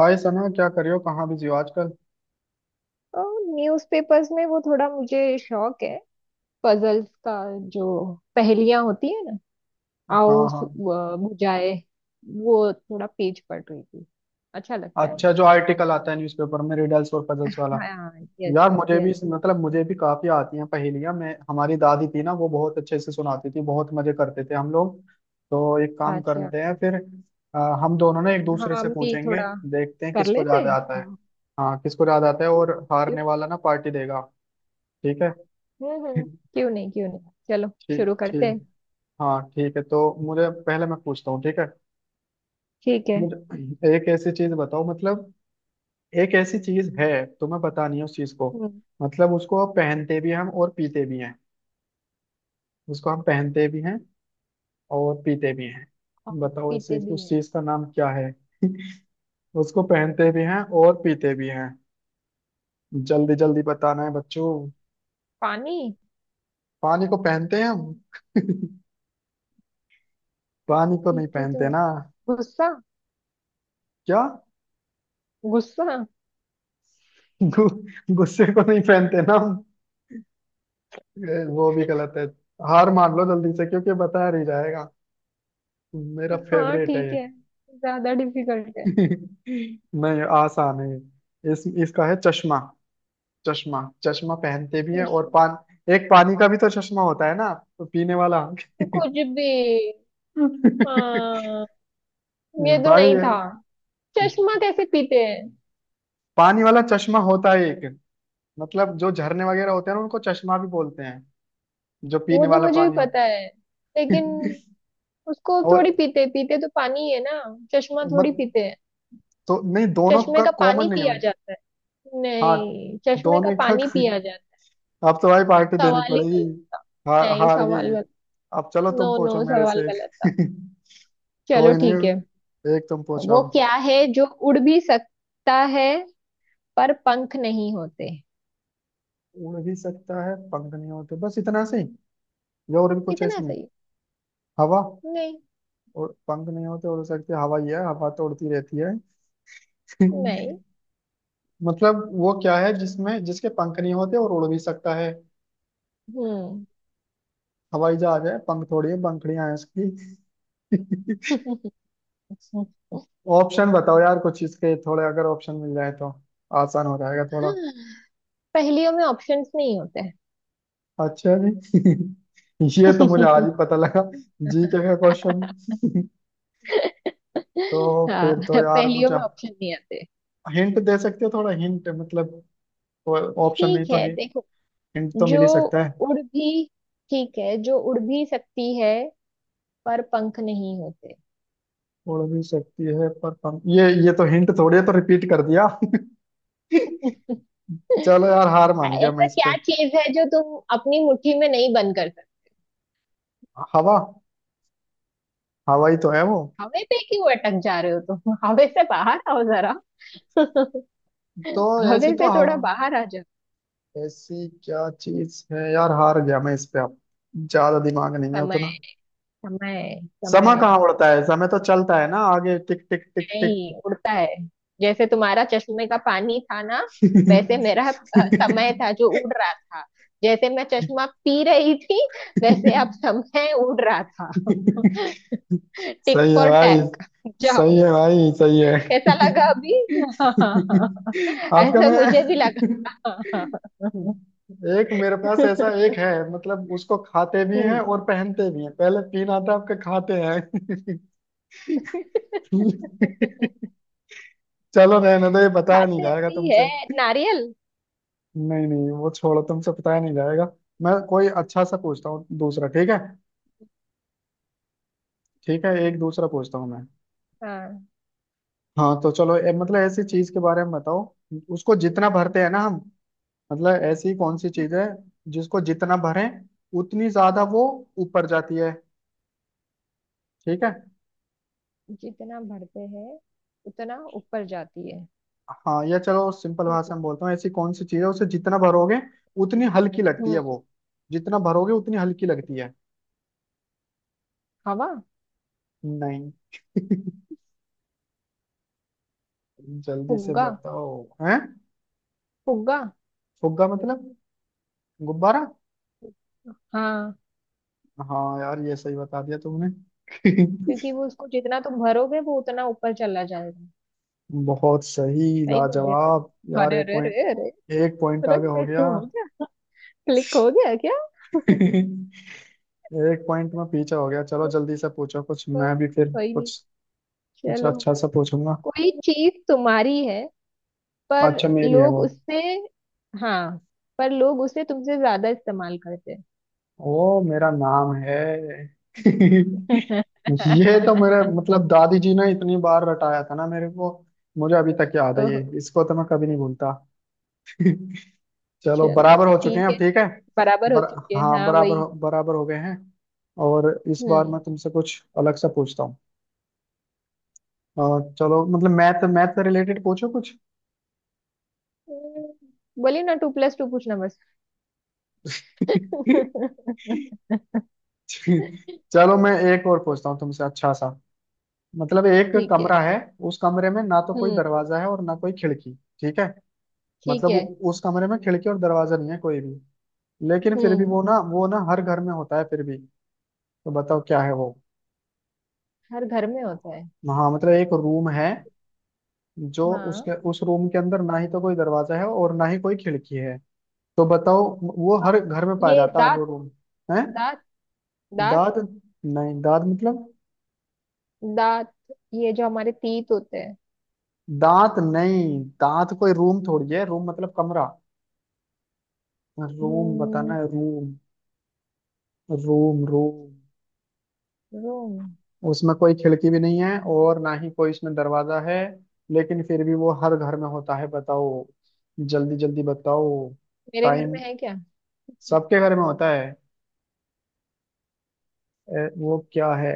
हाय सना, क्या कर रहे हो? कहाँ बिजी हो आजकल? न्यूज़पेपर्स में वो थोड़ा मुझे शौक है पजल्स का। जो पहेलियां होती है ना, आओ हाँ हाँ। बुझाए। वो थोड़ा पेज पढ़ रही थी। अच्छा लगता है अच्छा, जो मुझे। आर्टिकल आता है न्यूज़पेपर में रिडल्स और पजल्स वाला। हाँ। यस। यार मुझे भी, यस। मतलब मुझे भी काफी आती हैं पहेलियां। मैं, हमारी दादी थी ना, वो बहुत अच्छे से सुनाती थी। बहुत मजे करते थे हम लोग। तो एक काम अच्छा, करते हैं फिर। अ, हम दोनों ना एक दूसरे से हम भी पूछेंगे। थोड़ा देखते हैं कर किसको लेते ज्यादा हैं। आता है। हाँ। हाँ, किसको ज्यादा आता है, और क्यों। हारने वाला ना पार्टी देगा। ठीक है। हम्म। क्यों नहीं क्यों नहीं, चलो ठीक शुरू करते ठीक। हैं। हाँ ठीक है, तो मुझे पहले, मैं पूछता हूँ, ठीक है। ठीक है। मुझे एक ऐसी चीज बताओ, मतलब एक ऐसी चीज है, तुम्हें पता नहीं है उस चीज को। हम्म। मतलब उसको आप पहनते भी हैं हम, और पीते भी हैं। उसको हम पहनते भी हैं और पीते भी हैं। और बताओ ऐसी पीते भी उस है। चीज का नाम क्या है। उसको पहनते भी हैं और पीते भी हैं। जल्दी जल्दी बताना है बच्चों। पानी। पानी को पहनते हैं हम? पानी को नहीं पीते तो पहनते है। ना। गुस्सा। क्या? गुस्सा। गु, गुस्से को नहीं पहनते ना हम। वो भी गलत है। हार मान लो जल्दी से, क्योंकि बता नहीं जाएगा। मेरा हाँ फेवरेट है ठीक ये। है। ज्यादा डिफिकल्ट है। नहीं, आसान है ये। इस इसका है चश्मा। चश्मा। चश्मा पहनते भी है और चश्मा। पान। एक पानी का भी तो चश्मा होता है ना, तो पीने वाला। ये कुछ भी। हाँ, ये तो भाई नहीं ये था। चश्मा कैसे पीते हैं? पानी वाला चश्मा होता है एक। मतलब जो झरने वगैरह होते हैं ना उनको चश्मा भी बोलते हैं, जो वो पीने तो वाला मुझे भी पानी पता होता है, लेकिन है। उसको और थोड़ी पीते पीते तो पानी ही है ना। चश्मा थोड़ी मत, पीते हैं। तो नहीं, दोनों चश्मे का का कॉमन पानी नहीं पिया है? जाता है? हाँ, नहीं, चश्मे का दोनों का। पानी पिया जाता अब तो भाई पार्टी है? देनी सवाल ही पड़ेगी। गलत था। हार नहीं, हार गई। सवाल गलत। अब चलो तुम नो पूछो नो, मेरे सवाल से गलत था। एक। चलो कोई ठीक है। नहीं, एक तुम पूछो वो अब। क्या है जो उड़ भी सकता है पर पंख नहीं होते? उड़ भी सकता है, पंख नहीं होते, बस इतना से ही या और भी कुछ है कितना इसमें? सही। हवा। नहीं। और पंख नहीं होते उड़ सकती है, हवा ही है, हवा तो उड़ती रहती है। नहीं। मतलब वो क्या है जिसमें, जिसके पंख नहीं होते और उड़ भी सकता है। हम्म। हवाई जहाज है? पंख थोड़ी है, पंखड़ियां हैं उसकी। ऑप्शन बताओ यार कुछ इसके, थोड़े अगर ऑप्शन मिल जाए तो आसान हो जाएगा थोड़ा। पहेलियों में ऑप्शंस नहीं होते हैं। अच्छा जी। ये तो मुझे आज ही पता लगा, जी के का क्वेश्चन। तो हाँ, फिर तो यार पहेलियों मुझे में ऑप्शन नहीं आते। हिंट दे सकते हो, थोड़ा हिंट, मतलब ऑप्शन नहीं ठीक तो है हिंट देखो, तो मिल जो ही सकता है। उड़ भी, ठीक है, जो उड़ भी सकती है पर पंख नहीं होते। उड़ भी सकती है पर कम, ये तो हिंट थोड़ी है, तो रिपीट कर दिया। चलो यार हार मान गया मैं ऐसा इस क्या पे। चीज है जो तुम अपनी मुट्ठी में नहीं बंद कर सकते? हवा। हवा ही तो है वो। हवे पे क्यों अटक जा रहे हो तुम? हवे से बाहर आओ जरा। तो ऐसी हवे तो से थोड़ा हवा, बाहर आ जाओ। ऐसी क्या चीज है यार, हार गया मैं इस पे अब। ज्यादा दिमाग नहीं है समय उतना। समय। समय समय कहाँ उड़ता है, समय तो चलता है ना आगे, टिक टिक टिक टिक। नहीं उड़ता है। जैसे तुम्हारा चश्मे का पानी था ना, वैसे मेरा समय था जो उड़ रहा था। जैसे मैं चश्मा पी रही थी, वैसे अब समय उड़ रहा था। टिक सही है फॉर भाई। टैक। सही जाओ। है भाई सही है। कैसा लगा अभी? आपका ऐसा मैं। मुझे भी लगा। एक मेरे पास ऐसा एक है, मतलब उसको खाते भी हैं हम्म। और पहनते भी हैं, पहले तीन आता आपके खाते हैं। चलो रहने दो, ये बताया नहीं खाते जाएगा भी है। तुमसे। नारियल। नहीं नहीं, वो छोड़ो, तुमसे बताया नहीं जाएगा। मैं कोई अच्छा सा पूछता हूँ दूसरा, ठीक है। ठीक है, एक दूसरा पूछता हूँ मैं। हाँ। हाँ तो चलो, मतलब ऐसी चीज के बारे में बताओ, उसको जितना भरते हैं ना हम, मतलब ऐसी कौन सी चीज हम्म। है जिसको जितना भरें उतनी ज्यादा वो ऊपर जाती है। ठीक है। जितना भरते हैं उतना ऊपर जाती है। हाँ, या चलो सिंपल ठीक भाषा है। में बोलता हूँ। ऐसी कौन सी चीज है उसे जितना भरोगे उतनी हल्की लगती है हम्म। वो। जितना भरोगे उतनी हल्की लगती है। हवा। नहीं। जल्दी से फुग्गा। बताओ। हैं? फुग्गा। फुग्गा मतलब गुब्बारा? हाँ, हाँ यार, ये सही बता दिया तुमने। क्योंकि वो उसको जितना तुम भरोगे वो उतना ऊपर चला जाएगा। बहुत सही, सही बोल दिया लाजवाब ना? यार। अरे एक अरे पॉइंट, अरे अरे। एक पॉइंट अरे आगे हो मेरे, गया। हो गया। क्लिक हो गया क्या? एक पॉइंट में पीछे हो गया। चलो जल्दी से पूछो कुछ, हाँ, मैं भी फिर कोई नहीं। कुछ, कुछ चलो। अच्छा सा पूछूंगा। कोई चीज तुम्हारी है पर अच्छा मेरी है लोग वो? उससे, हाँ, पर लोग उसे तुमसे ज्यादा इस्तेमाल करते हैं। ओ, मेरा नाम है। ये तो मेरे मतलब दादी जी ने इतनी बार रटाया था ना मेरे को, मुझे अभी तक याद है ओह। ये, इसको तो मैं कभी नहीं भूलता। चलो चलो बराबर हो चुके ठीक हैं है, अब, ठीक है। बराबर हो बर, चुके हैं हाँ हाँ वही। बराबर हो गए हैं। और इस बार हम्म। मैं तुमसे कुछ अलग सा पूछता हूँ। चलो मतलब मैथ, मैथ से रिलेटेड पूछो कुछ। बोलिए ना, टू प्लस टू पूछना बस। चलो मैं एक और पूछता हूँ तुमसे अच्छा सा। मतलब एक ठीक है। कमरा है, उस कमरे में ना तो कोई हम्म। दरवाजा है और ना कोई खिड़की, ठीक है। ठीक मतलब है। उस कमरे में खिड़की और दरवाजा नहीं है कोई भी, लेकिन फिर भी हम्म। वो ना, वो ना हर घर में होता है फिर भी। तो बताओ क्या है वो। हर घर में होता है। हाँ मतलब एक रूम है, जो हाँ। उसके उस रूम के अंदर ना ही तो कोई दरवाजा है और ना ही कोई खिड़की है। तो बताओ, वो आ, हर घर में पाया ये जाता है दांत। वो रूम। है? दांत। दांत। दांत? नहीं, दांत मतलब? दांत। ये जो हमारे तीत होते हैं। दांत नहीं, दांत कोई रूम थोड़ी है, रूम मतलब कमरा। रूम बताना हम्म। है, रूम। Room, room. रूम। उसमें कोई खिड़की भी नहीं है और ना ही कोई इसमें दरवाजा है, लेकिन फिर भी वो हर घर में होता है। बताओ, जल्दी जल्दी बताओ। मेरे घर में टाइम? है क्या? सबके घर में होता है। वो क्या है,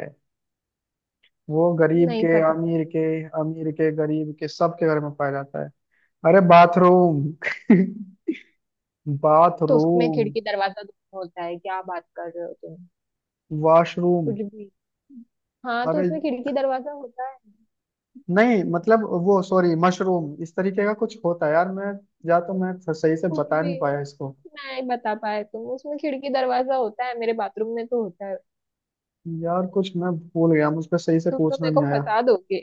वो गरीब नहीं के पता। अमीर के, अमीर के गरीब के सबके घर में पाया जाता है। अरे बाथरूम। तो उसमें बाथरूम, खिड़की दरवाजा दोनों होता है, क्या बात कर रहे हो तुम? वॉशरूम। कुछ भी। हाँ तो अरे उसमें खिड़की दरवाजा होता है। नहीं, मतलब वो, सॉरी, मशरूम इस तरीके का कुछ होता है यार, मैं, या तो मैं सही से कुछ बता नहीं भी। पाया इसको। नहीं बता पाए तुम, उसमें खिड़की दरवाजा होता है, मेरे बाथरूम में तो होता है। यार कुछ मैं भूल गया, मुझ पे सही से तुम तो पूछना मेरे नहीं को आया। फंसा दोगे।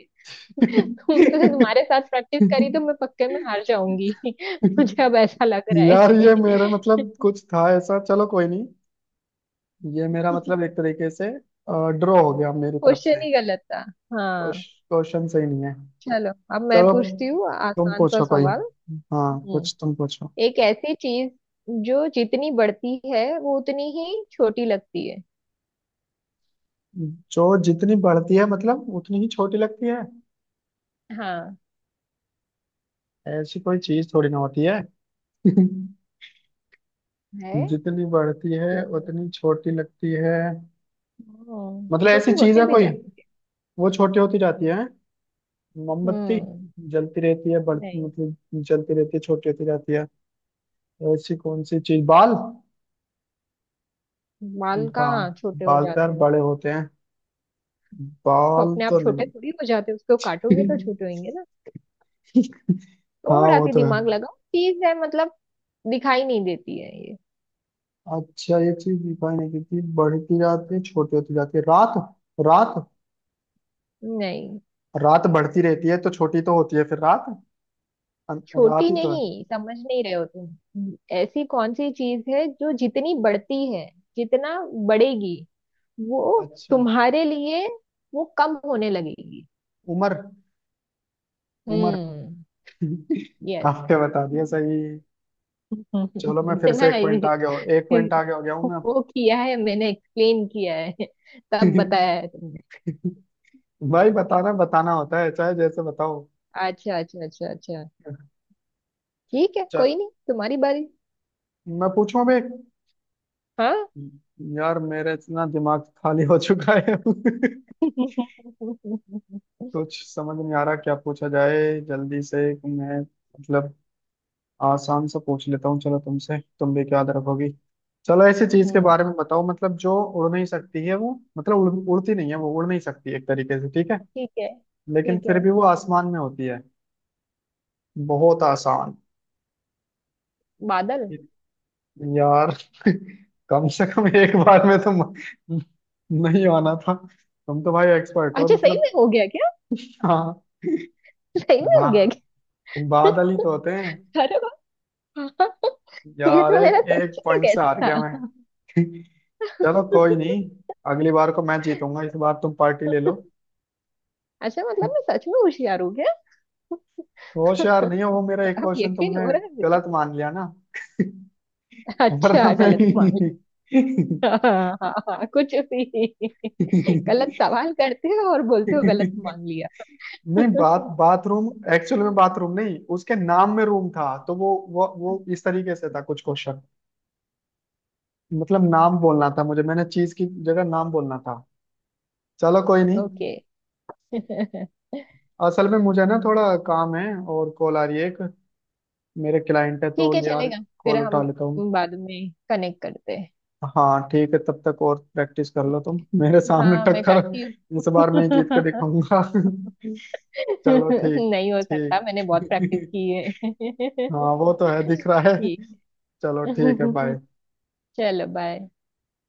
तुम तुमसे तुम्हारे साथ प्रैक्टिस करी तो मैं पक्के में हार जाऊंगी। मुझे अब ऐसा लग रहा यार ये मेरा है। मतलब कुछ था ऐसा, चलो कोई नहीं। ये मेरा मतलब एक तरीके से ड्रॉ हो गया मेरी तरफ क्वेश्चन से। ही गलत था। हाँ। क्वेश्चन सही नहीं है। चलो, अब मैं चलो पूछती हूँ तुम आसान सा पूछो कोई। सवाल। हाँ कुछ हम्म। तुम पूछो। एक ऐसी चीज जो जितनी बढ़ती है वो उतनी ही छोटी लगती है। जो जितनी बढ़ती है मतलब उतनी ही छोटी लगती है? हाँ। ऐसी कोई चीज थोड़ी ना होती है। है। जितनी बढ़ती है क्यों। उतनी छोटी लगती है? मतलब ऐसी छोटी चीज होते है भी कोई, जाते। वो छोटी होती जाती है। मोमबत्ती? हम्म। जलती रहती है, बढ़ती नहीं। मतलब जलती रहती है, छोटी होती जाती है। ऐसी कौन सी चीज, बाल? बाल बा, कहाँ छोटे हो बाल तो यार जाते हैं? बड़े होते हैं, तो बाल अपने आप तो छोटे थोड़ी हो जाते हैं, उसको काटोगे नहीं। तो छोटे होंगे ना। हाँ थोड़ा वो सी तो है। दिमाग लगाओ, चीज है मतलब। दिखाई नहीं देती है ये। अच्छा ये चीज दिखाई नहीं देती, बढ़ती जाती है, छोटी होती जाती है। रात? रात, नहीं। रात बढ़ती रहती है तो छोटी तो होती है फिर रात, रात छोटी ही तो है। नहीं, समझ नहीं रहे हो तुम। ऐसी कौन सी चीज है जो जितनी बढ़ती है, जितना बढ़ेगी वो अच्छा, तुम्हारे लिए वो कम होने लगेगी। उम्र? उम्र। हम्म। यस। आपने बता दिया सही। चलो मैं फिर इतना से एक पॉइंट है- आगे हो, एक पॉइंट आगे हो गया हूँ मैं अब। वो किया है, मैंने एक्सप्लेन किया है, तब बताया है तुमने। भाई बताना बताना होता है चाहे जैसे बताओ। अच्छा अच्छा अच्छा अच्छा। ठीक है, चा, कोई नहीं, तुम्हारी बारी। मैं पूछूं अबे। हाँ। यार मेरे इतना दिमाग खाली हो चुका है। कुछ समझ नहीं आ रहा क्या पूछा जाए जल्दी से। मैं मतलब, आसान सा पूछ लेता हूँ चलो, तुमसे तुम भी क्या रखोगी। चलो ऐसी चीज के हम्म। बारे में बताओ, मतलब जो उड़ नहीं सकती है वो, मतलब उड़ती नहीं है वो, उड़ नहीं सकती एक तरीके से, ठीक है। ठीक है। लेकिन ठीक फिर है। भी वो आसमान में होती है। बहुत आसान। बादल। यार। कम से कम एक बार में तो नहीं आना था। तुम तो भाई एक्सपर्ट हो अच्छा, सही मतलब। में हो गया क्या? हाँ। सही में बा, हो गया क्या? बादल ही तो होते हैं। अरे वाह। ये यार तो एक मेरा सच एक का पॉइंट से guess हार गया मैं। था। चलो कोई नहीं, अगली बार को मैं जीतूंगा, इस बार तुम पार्टी ले लो। अच्छा, मतलब मैं सच में होशियार हूँ क्या? होशियार नहीं हो, वो मेरा एक अब क्वेश्चन यकीन तुमने हो रहा है गलत मुझे। मान लिया ना, वरना अच्छा गलत मान मैं। लिया। हाँ हाँ हाँ, कुछ भी। गलत सवाल करते हो और बोलते हो गलत मान लिया। नहीं बात बाथरूम, एक्चुअल में बाथरूम नहीं, उसके नाम में रूम था, तो वो इस तरीके से था कुछ क्वेश्चन। मतलब नाम बोलना था मुझे, मैंने चीज की जगह नाम बोलना था। चलो कोई नहीं। ओके। ठीक असल में मुझे ना थोड़ा काम है, और कॉल आ रही है एक, मेरे क्लाइंट है तो है, यार, चलेगा। फिर कॉल उठा हम लेता हूँ। बाद में कनेक्ट करते हाँ ठीक है, तब तक और प्रैक्टिस कर हैं। लो तुम, मेरे सामने हाँ मैं टक्कर। करती इस हूँ। बार मैं ही जीत के दिखाऊंगा। चलो ठीक, नहीं हो सकता, मैंने बहुत प्रैक्टिस ठीक। की है। हाँ वो तो है, दिख रहा है। ठीक। चलो ठीक है, बाय। चलो बाय।